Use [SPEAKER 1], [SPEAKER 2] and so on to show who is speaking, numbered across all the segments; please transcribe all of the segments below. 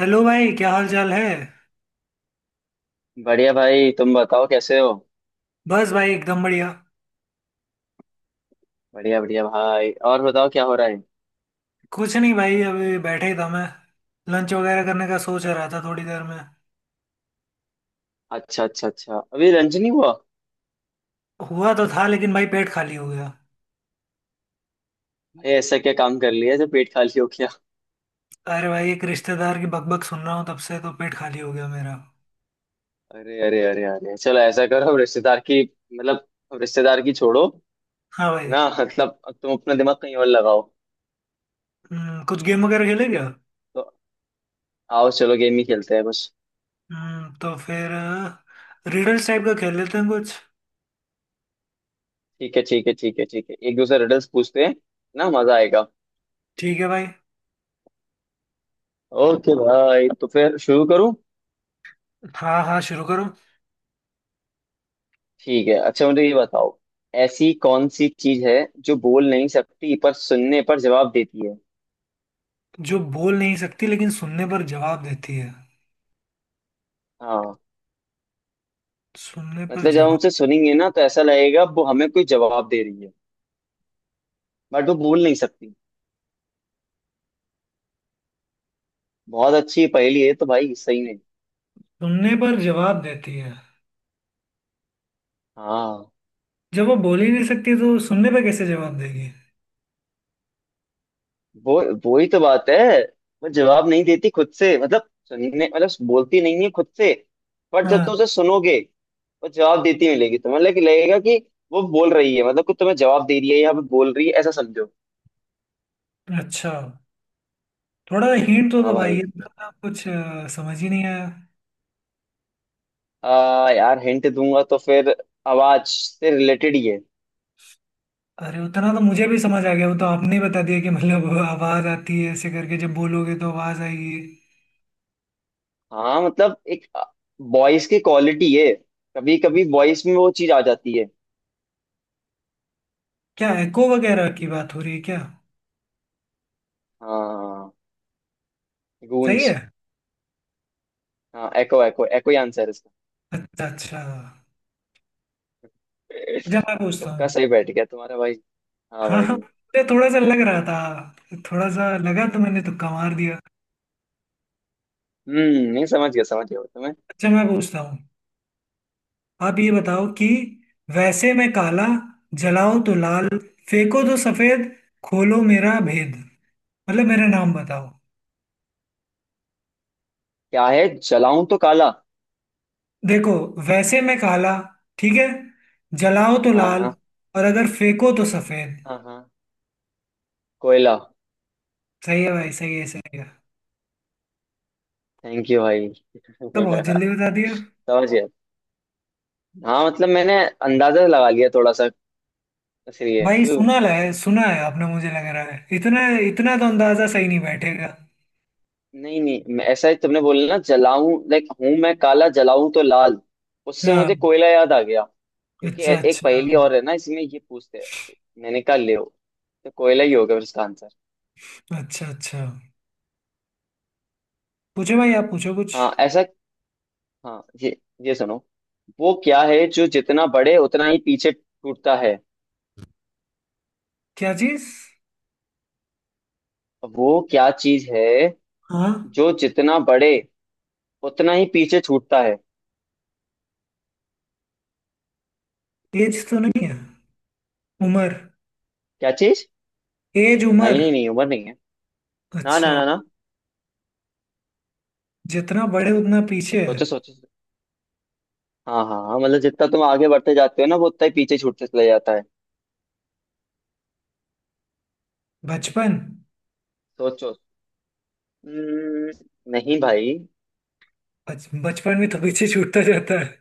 [SPEAKER 1] Hello भाई, क्या हाल चाल है।
[SPEAKER 2] बढ़िया भाई, तुम बताओ कैसे हो।
[SPEAKER 1] बस भाई, एकदम बढ़िया।
[SPEAKER 2] बढ़िया बढ़िया भाई, और बताओ क्या हो रहा है।
[SPEAKER 1] कुछ नहीं भाई, अभी बैठे ही था मैं। लंच वगैरह करने का सोच रहा था थोड़ी देर में।
[SPEAKER 2] अच्छा अच्छा अच्छा, अभी लंच नहीं हुआ।
[SPEAKER 1] हुआ तो था, लेकिन भाई पेट खाली हो गया।
[SPEAKER 2] भाई, ऐसा क्या काम कर लिया जो पेट खाली हो गया।
[SPEAKER 1] अरे भाई, एक रिश्तेदार की बकबक सुन रहा हूँ तब से तो पेट खाली हो गया मेरा।
[SPEAKER 2] अरे अरे अरे अरे, चलो ऐसा करो, अब रिश्तेदार की। मतलब। अब रिश्तेदार की छोड़ो।
[SPEAKER 1] हाँ
[SPEAKER 2] है
[SPEAKER 1] भाई।
[SPEAKER 2] ना, मतलब अब तुम अपना दिमाग कहीं और लगाओ।
[SPEAKER 1] कुछ गेम वगैरह खेले क्या।
[SPEAKER 2] तो। आओ चलो गेम ही खेलते हैं कुछ।
[SPEAKER 1] तो फिर रिडल्स टाइप का खेल लेते हैं कुछ।
[SPEAKER 2] ठीक है ठीक है ठीक है ठीक है, एक दूसरे रिडल्स पूछते हैं ना, मजा आएगा।
[SPEAKER 1] ठीक है भाई।
[SPEAKER 2] ओके भाई, तो फिर शुरू करूँ।
[SPEAKER 1] हाँ हाँ, शुरू करो।
[SPEAKER 2] ठीक है, अच्छा मुझे ये बताओ। ऐसी कौन सी चीज है, जो बोल नहीं सकती पर सुनने पर जवाब देती है।
[SPEAKER 1] जो बोल नहीं सकती लेकिन सुनने पर जवाब देती है।
[SPEAKER 2] हाँ।
[SPEAKER 1] सुनने पर
[SPEAKER 2] मतलब जब हम
[SPEAKER 1] जवाब।
[SPEAKER 2] उसे सुनेंगे ना तो ऐसा लगेगा वो हमें कोई जवाब दे रही है। बट वो बोल नहीं सकती। बहुत अच्छी पहेली है तो भाई, सही में।
[SPEAKER 1] सुनने पर जवाब देती है।
[SPEAKER 2] हाँ।
[SPEAKER 1] जब वो बोल ही नहीं सकती तो सुनने पे कैसे जवाब देगी।
[SPEAKER 2] वो ही तो बात है। वो जवाब नहीं देती खुद से, मतलब सुनने, मतलब बोलती नहीं है खुद से। पर जब
[SPEAKER 1] हाँ।
[SPEAKER 2] तुम उसे सुनोगे, वो जवाब देती मिलेगी तुम्हें, लगेगा कि वो बोल रही है, मतलब कि तुम्हें जवाब दे रही है, यहाँ पे बोल रही है, ऐसा समझो।
[SPEAKER 1] अच्छा। थोड़ा हिंट तो दो
[SPEAKER 2] हाँ
[SPEAKER 1] भाई,
[SPEAKER 2] भाई।
[SPEAKER 1] ये तो ना कुछ समझ ही नहीं आया।
[SPEAKER 2] यार हिंट दूंगा तो फिर आवाज से रिलेटेड ही है।
[SPEAKER 1] अरे उतना तो मुझे भी समझ आ गया, वो तो आपने बता दिया कि मतलब आवाज आती है, ऐसे करके जब बोलोगे तो आवाज आएगी।
[SPEAKER 2] हाँ मतलब एक वॉइस की क्वालिटी है। कभी कभी वॉइस में वो चीज आ जाती है।
[SPEAKER 1] क्या एको वगैरह की बात हो रही है क्या।
[SPEAKER 2] हाँ।
[SPEAKER 1] सही
[SPEAKER 2] गूंज।
[SPEAKER 1] है।
[SPEAKER 2] हाँ एको एको, एको ही आंसर है इसका।
[SPEAKER 1] अच्छा अच्छा। जब मैं पूछता
[SPEAKER 2] तुक्का
[SPEAKER 1] हूँ।
[SPEAKER 2] सही बैठ गया तुम्हारा भाई। हाँ
[SPEAKER 1] हाँ हाँ,
[SPEAKER 2] भाई।
[SPEAKER 1] मुझे थोड़ा सा लग रहा था, थोड़ा सा लगा तो मैंने तुक्का मार दिया।
[SPEAKER 2] नहीं, समझ गया समझ गया तुम्हें।
[SPEAKER 1] अच्छा मैं पूछता हूँ। आप ये बताओ कि वैसे मैं काला, जलाओ तो लाल, फेंको तो सफेद, खोलो मेरा भेद। मतलब मेरा नाम बताओ।
[SPEAKER 2] क्या है जलाऊं तो काला।
[SPEAKER 1] देखो, वैसे मैं काला, ठीक है, जलाओ तो
[SPEAKER 2] हाँ
[SPEAKER 1] लाल,
[SPEAKER 2] हाँ।
[SPEAKER 1] और अगर फेंको तो सफेद।
[SPEAKER 2] हाँ हाँ। कोयला।
[SPEAKER 1] सही है भाई, सही है सही है।
[SPEAKER 2] थैंक यू भाई।
[SPEAKER 1] तो बहुत जल्दी बता दिया।
[SPEAKER 2] समझ गया। हाँ मतलब मैंने अंदाजा लगा लिया थोड़ा सा। इसलिए
[SPEAKER 1] भाई
[SPEAKER 2] क्यों।
[SPEAKER 1] सुना है आपने, मुझे लग रहा है इतना इतना तो अंदाजा सही नहीं बैठेगा।
[SPEAKER 2] नहीं नहीं, ऐसा ही तुमने बोला ना, जलाऊं लाइक हूं मैं काला, जलाऊं तो लाल। उससे
[SPEAKER 1] हाँ।
[SPEAKER 2] मुझे कोयला याद आ गया, क्योंकि
[SPEAKER 1] अच्छा
[SPEAKER 2] एक
[SPEAKER 1] अच्छा
[SPEAKER 2] पहेली और है ना इसमें ये पूछते हैं तो मैंने कहा ले हो, तो कोयला ही होगा फिर इसका आंसर।
[SPEAKER 1] अच्छा अच्छा। पूछो भाई, आप पूछो कुछ।
[SPEAKER 2] हाँ ऐसा। हाँ ये। ये सुनो। वो क्या है जो जितना बढ़े उतना ही पीछे छूटता है।
[SPEAKER 1] क्या चीज।
[SPEAKER 2] वो क्या चीज है,
[SPEAKER 1] हाँ।
[SPEAKER 2] जो जितना बढ़े, उतना ही पीछे छूटता है।
[SPEAKER 1] एज तो नहीं है। उम्र।
[SPEAKER 2] क्या चीज।
[SPEAKER 1] एज,
[SPEAKER 2] नहीं
[SPEAKER 1] उम्र।
[SPEAKER 2] नहीं नहीं, उम्र नहीं है। ना ना
[SPEAKER 1] अच्छा।
[SPEAKER 2] ना ना।
[SPEAKER 1] जितना बड़े उतना पीछे है।
[SPEAKER 2] सोचो सोचो। हाँ हाँ हाँ, मतलब जितना तुम आगे बढ़ते जाते हो ना, वो उतना ही पीछे छूटते चले जाता है।
[SPEAKER 1] बचपन।
[SPEAKER 2] सोचो। हम्म, नहीं भाई।
[SPEAKER 1] बचपन में तो पीछे छूटता जाता है।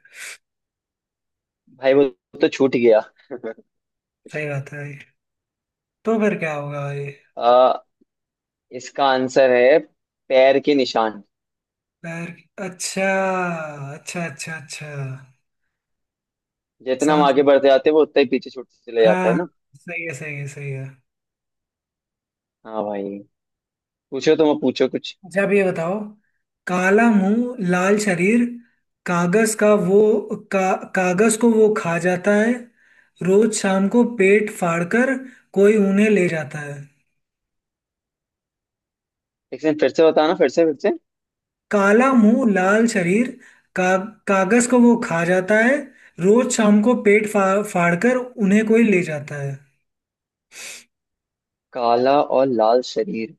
[SPEAKER 2] भाई वो तो छूट गया।
[SPEAKER 1] सही बात है ये। तो फिर क्या होगा ये।
[SPEAKER 2] आ, इसका आंसर है पैर के निशान।
[SPEAKER 1] पैर। अच्छा अच्छा अच्छा अच्छा।
[SPEAKER 2] जितना हम
[SPEAKER 1] समझ
[SPEAKER 2] आगे
[SPEAKER 1] गया।
[SPEAKER 2] बढ़ते जाते हैं वो उतना ही पीछे छूटते चले
[SPEAKER 1] हाँ
[SPEAKER 2] जाता है
[SPEAKER 1] हाँ।
[SPEAKER 2] ना।
[SPEAKER 1] सही है सही है सही है।
[SPEAKER 2] हाँ भाई। पूछो तुम, अब पूछो कुछ।
[SPEAKER 1] अच्छा, अब ये बताओ। काला मुंह लाल शरीर, कागज का वो, कागज को वो खा जाता है। रोज शाम को पेट फाड़कर कोई उन्हें ले जाता है।
[SPEAKER 2] एक सेकंड, फिर से बताना, फिर से फिर से।
[SPEAKER 1] काला मुंह लाल शरीर, का, कागज को वो खा जाता है। रोज शाम को पेट फाड़ फाड़कर उन्हें कोई ले जाता है।
[SPEAKER 2] काला और लाल शरीर।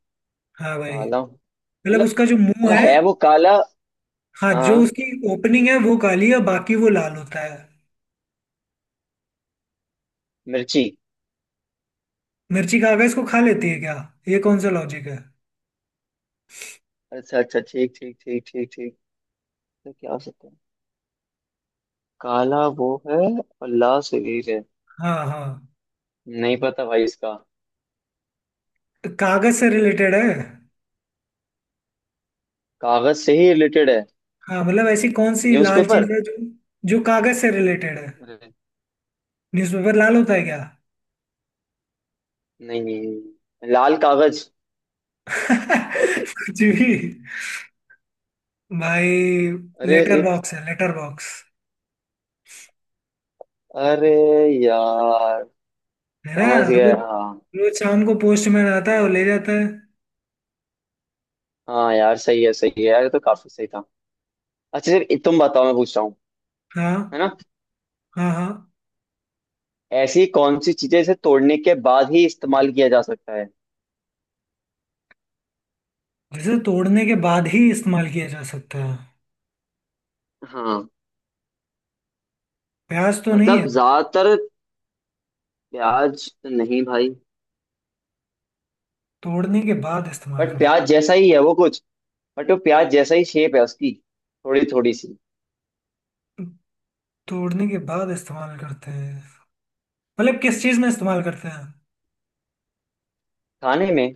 [SPEAKER 1] हाँ भाई।
[SPEAKER 2] काला,
[SPEAKER 1] मतलब
[SPEAKER 2] मतलब,
[SPEAKER 1] उसका जो मुंह
[SPEAKER 2] मतलब
[SPEAKER 1] है।
[SPEAKER 2] है वो काला।
[SPEAKER 1] हाँ,
[SPEAKER 2] हाँ
[SPEAKER 1] जो
[SPEAKER 2] हाँ।
[SPEAKER 1] उसकी ओपनिंग है वो काली है, बाकी वो लाल होता है।
[SPEAKER 2] मिर्ची।
[SPEAKER 1] मिर्ची कागज को खा लेती है क्या। ये कौन सा लॉजिक है।
[SPEAKER 2] अच्छा अच्छा, ठीक ठीक ठीक ठीक ठीक। तो क्या हो सकता है। काला वो है, और लाल शरीर है।
[SPEAKER 1] हाँ हाँ।
[SPEAKER 2] नहीं पता भाई इसका।
[SPEAKER 1] तो कागज से रिलेटेड है।
[SPEAKER 2] कागज से ही रिलेटेड है।
[SPEAKER 1] हाँ मतलब ऐसी कौन सी लाल
[SPEAKER 2] न्यूज़पेपर।
[SPEAKER 1] चीज है जो, जो कागज से रिलेटेड है।
[SPEAKER 2] अरे।
[SPEAKER 1] न्यूज़पेपर लाल होता है क्या।
[SPEAKER 2] नहीं नहीं, लाल कागज।
[SPEAKER 1] कुछ भी। भाई
[SPEAKER 2] अरे
[SPEAKER 1] लेटर
[SPEAKER 2] एक।
[SPEAKER 1] बॉक्स है, लेटर बॉक्स।
[SPEAKER 2] अरे। यार।
[SPEAKER 1] है
[SPEAKER 2] समझ
[SPEAKER 1] ना। रोज,
[SPEAKER 2] गया हाँ।
[SPEAKER 1] रोज शाम को पोस्टमैन आता है और
[SPEAKER 2] हाँ।
[SPEAKER 1] ले जाता है।
[SPEAKER 2] हाँ यार, सही है यार, ये तो काफी सही था। अच्छा सर, ये तुम बताओ, मैं पूछ रहा हूँ।
[SPEAKER 1] हाँ
[SPEAKER 2] है ना।
[SPEAKER 1] हाँ। हाँ।
[SPEAKER 2] ऐसी कौन सी चीजें इसे तोड़ने के बाद ही इस्तेमाल किया जा सकता है।
[SPEAKER 1] जिसे तोड़ने के बाद ही इस्तेमाल किया जा सकता है।
[SPEAKER 2] हाँ
[SPEAKER 1] प्याज तो नहीं
[SPEAKER 2] मतलब
[SPEAKER 1] है।
[SPEAKER 2] ज्यादातर, प्याज तो नहीं भाई,
[SPEAKER 1] तोड़ने के बाद इस्तेमाल
[SPEAKER 2] बट
[SPEAKER 1] करते
[SPEAKER 2] प्याज
[SPEAKER 1] हैं।
[SPEAKER 2] जैसा ही है वो कुछ। बट वो प्याज जैसा ही शेप है उसकी, थोड़ी थोड़ी सी।
[SPEAKER 1] तोड़ने के बाद इस्तेमाल करते हैं मतलब किस चीज़ में इस्तेमाल करते हैं।
[SPEAKER 2] खाने में।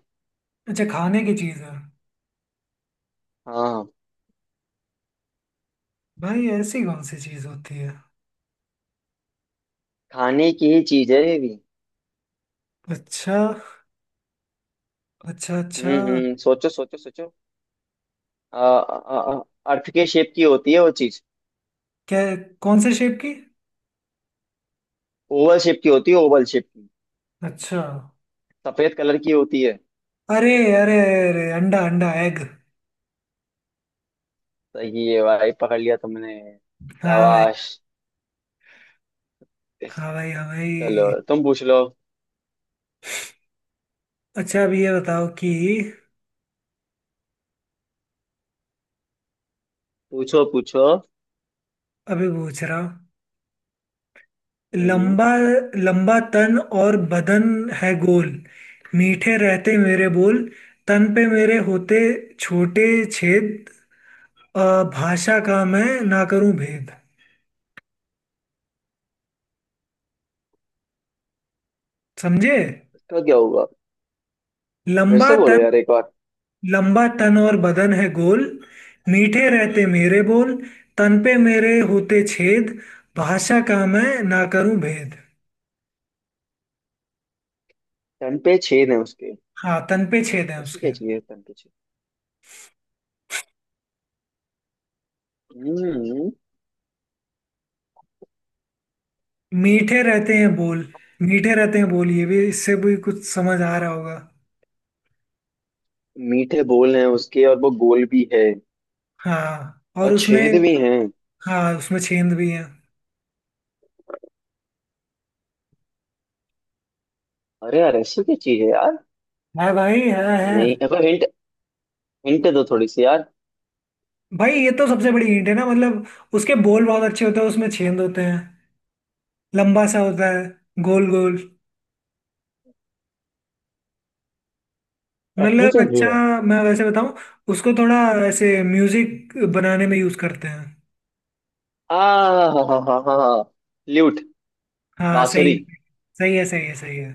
[SPEAKER 1] अच्छा, खाने की चीज़ है।
[SPEAKER 2] हाँ हाँ।
[SPEAKER 1] भाई ऐसी कौन सी चीज़ होती है।
[SPEAKER 2] खाने की ही चीज है ये भी।
[SPEAKER 1] अच्छा। अच्छा अच्छा।
[SPEAKER 2] सोचो सोचो सोचो। आ, आ, आ, अर्थ के शेप की होती है वो चीज।
[SPEAKER 1] क्या। कौन से शेप की।
[SPEAKER 2] ओवल शेप की होती है, ओवल शेप की।
[SPEAKER 1] अच्छा।
[SPEAKER 2] सफेद कलर की होती है।
[SPEAKER 1] अरे, अरे, अरे अंडा, अंडा, एग।
[SPEAKER 2] सही है भाई, पकड़ लिया तुमने।
[SPEAKER 1] हाँ भाई,
[SPEAKER 2] शाबाश।
[SPEAKER 1] हाँ भाई। हाँ
[SPEAKER 2] चलो
[SPEAKER 1] भाई।
[SPEAKER 2] तुम पूछ लो।
[SPEAKER 1] अच्छा, अब ये बताओ कि,
[SPEAKER 2] पूछो पूछो।
[SPEAKER 1] अभी पूछ रहा हूँ।
[SPEAKER 2] हम्म हम्म।
[SPEAKER 1] लंबा, लंबा तन और बदन है गोल, मीठे रहते मेरे बोल, तन पे मेरे होते छोटे छेद, अ, भाषा का मैं ना करूं भेद। समझे।
[SPEAKER 2] उसका क्या होगा। फिर
[SPEAKER 1] लंबा
[SPEAKER 2] से बोलो
[SPEAKER 1] तन,
[SPEAKER 2] यार एक बार।
[SPEAKER 1] लंबा तन और बदन है गोल, मीठे रहते मेरे बोल, तन पे मेरे होते छेद, भाषा का मैं ना करूं भेद।
[SPEAKER 2] तन पे छेद है उसके।
[SPEAKER 1] हाँ, तन पे छेद है
[SPEAKER 2] ऐसी
[SPEAKER 1] उसके।
[SPEAKER 2] क्या चीज है तन पे छेद। हम्म।
[SPEAKER 1] मीठे रहते हैं बोल। मीठे रहते हैं बोल, ये भी, इससे भी कुछ समझ आ रहा होगा।
[SPEAKER 2] मीठे बोल हैं उसके और वो गोल भी है,
[SPEAKER 1] हाँ, और
[SPEAKER 2] और
[SPEAKER 1] उसमें,
[SPEAKER 2] छेद भी हैं।
[SPEAKER 1] हाँ उसमें छेंद भी है।
[SPEAKER 2] अरे यार, ऐसी क्या चीज है यार।
[SPEAKER 1] है भाई, है है।
[SPEAKER 2] नहीं अब हिंट, हिंट दो थोड़ी सी यार।
[SPEAKER 1] भाई ये तो सबसे बड़ी हिंट है ना, मतलब उसके बोल बहुत अच्छे होते हैं, उसमें छेंद होते हैं, लंबा सा होता है, गोल गोल।
[SPEAKER 2] ऐसी
[SPEAKER 1] मतलब,
[SPEAKER 2] क्या चीज है।
[SPEAKER 1] अच्छा मैं वैसे बताऊं, उसको थोड़ा, ऐसे म्यूजिक बनाने में यूज करते हैं।
[SPEAKER 2] आ हा हा हा हा, ल्यूट।
[SPEAKER 1] हाँ सही
[SPEAKER 2] बांसुरी।
[SPEAKER 1] है। सही है सही है। सही है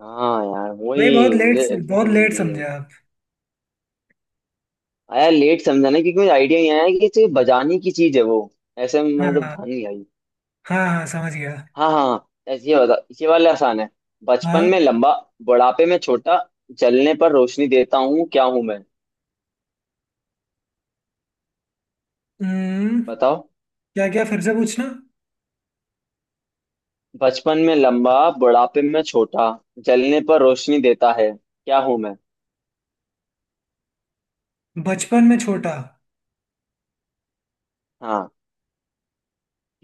[SPEAKER 2] हाँ यार,
[SPEAKER 1] भाई। बहुत
[SPEAKER 2] वही
[SPEAKER 1] लेट,
[SPEAKER 2] मुझे
[SPEAKER 1] बहुत लेट समझे आप।
[SPEAKER 2] आया, लेट समझा ना, क्योंकि मुझे आइडिया नहीं आया कि ये चीज़ बजाने की चीज है वो। ऐसे में मतलब
[SPEAKER 1] हाँ।
[SPEAKER 2] ध्यान नहीं आई।
[SPEAKER 1] हाँ हाँ, समझ गया।
[SPEAKER 2] हाँ हाँ, ऐसे ये बता। ये वाला आसान है। बचपन
[SPEAKER 1] हाँ।
[SPEAKER 2] में लंबा, बुढ़ापे में छोटा, जलने पर रोशनी देता हूँ, क्या हूं मैं।
[SPEAKER 1] हम्म।
[SPEAKER 2] बताओ।
[SPEAKER 1] क्या, क्या फिर से पूछना।
[SPEAKER 2] बचपन में लंबा, बुढ़ापे में छोटा, जलने पर रोशनी देता है, क्या हूं मैं।
[SPEAKER 1] बचपन में छोटा।
[SPEAKER 2] हाँ।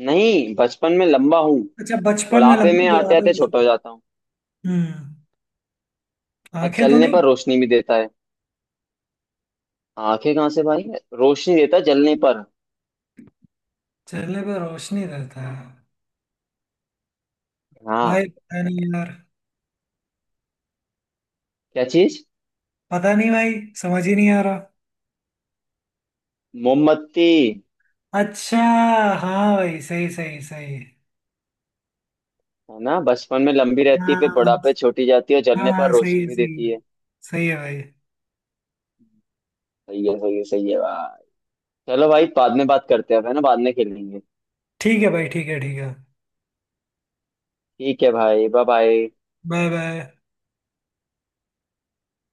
[SPEAKER 2] नहीं बचपन में लंबा हूँ,
[SPEAKER 1] अच्छा, बचपन में
[SPEAKER 2] बुढ़ापे
[SPEAKER 1] लंबा
[SPEAKER 2] में आते
[SPEAKER 1] बुढ़ापे
[SPEAKER 2] आते
[SPEAKER 1] में
[SPEAKER 2] छोटा
[SPEAKER 1] छोटा।
[SPEAKER 2] हो जाता हूँ,
[SPEAKER 1] हम्म।
[SPEAKER 2] और
[SPEAKER 1] आंखें तो
[SPEAKER 2] जलने
[SPEAKER 1] नहीं।
[SPEAKER 2] पर रोशनी भी देता है। आंखें कहाँ से भाई, रोशनी देता है जलने पर।
[SPEAKER 1] चेहरे पे रोशनी रहता है।
[SPEAKER 2] हाँ।
[SPEAKER 1] भाई पता नहीं यार।
[SPEAKER 2] क्या चीज।
[SPEAKER 1] पता नहीं भाई। समझ ही नहीं आ रहा।
[SPEAKER 2] मोमबत्ती।
[SPEAKER 1] अच्छा। हाँ भाई, सही सही सही।
[SPEAKER 2] है ना, बचपन में लंबी रहती है, फिर
[SPEAKER 1] हाँ
[SPEAKER 2] बुढ़ापे छोटी जाती है, और जलने पर
[SPEAKER 1] हाँ, सही
[SPEAKER 2] रोशनी
[SPEAKER 1] है
[SPEAKER 2] भी
[SPEAKER 1] सही है
[SPEAKER 2] देती है।
[SPEAKER 1] सही है। भाई
[SPEAKER 2] सही है सही है सही है भाई। चलो भाई, बाद में बात करते हैं, है ना, बाद में खेलेंगे।
[SPEAKER 1] ठीक है भाई, ठीक है ठीक है।
[SPEAKER 2] ठीक है भाई, बाय बाय।
[SPEAKER 1] Bye bye.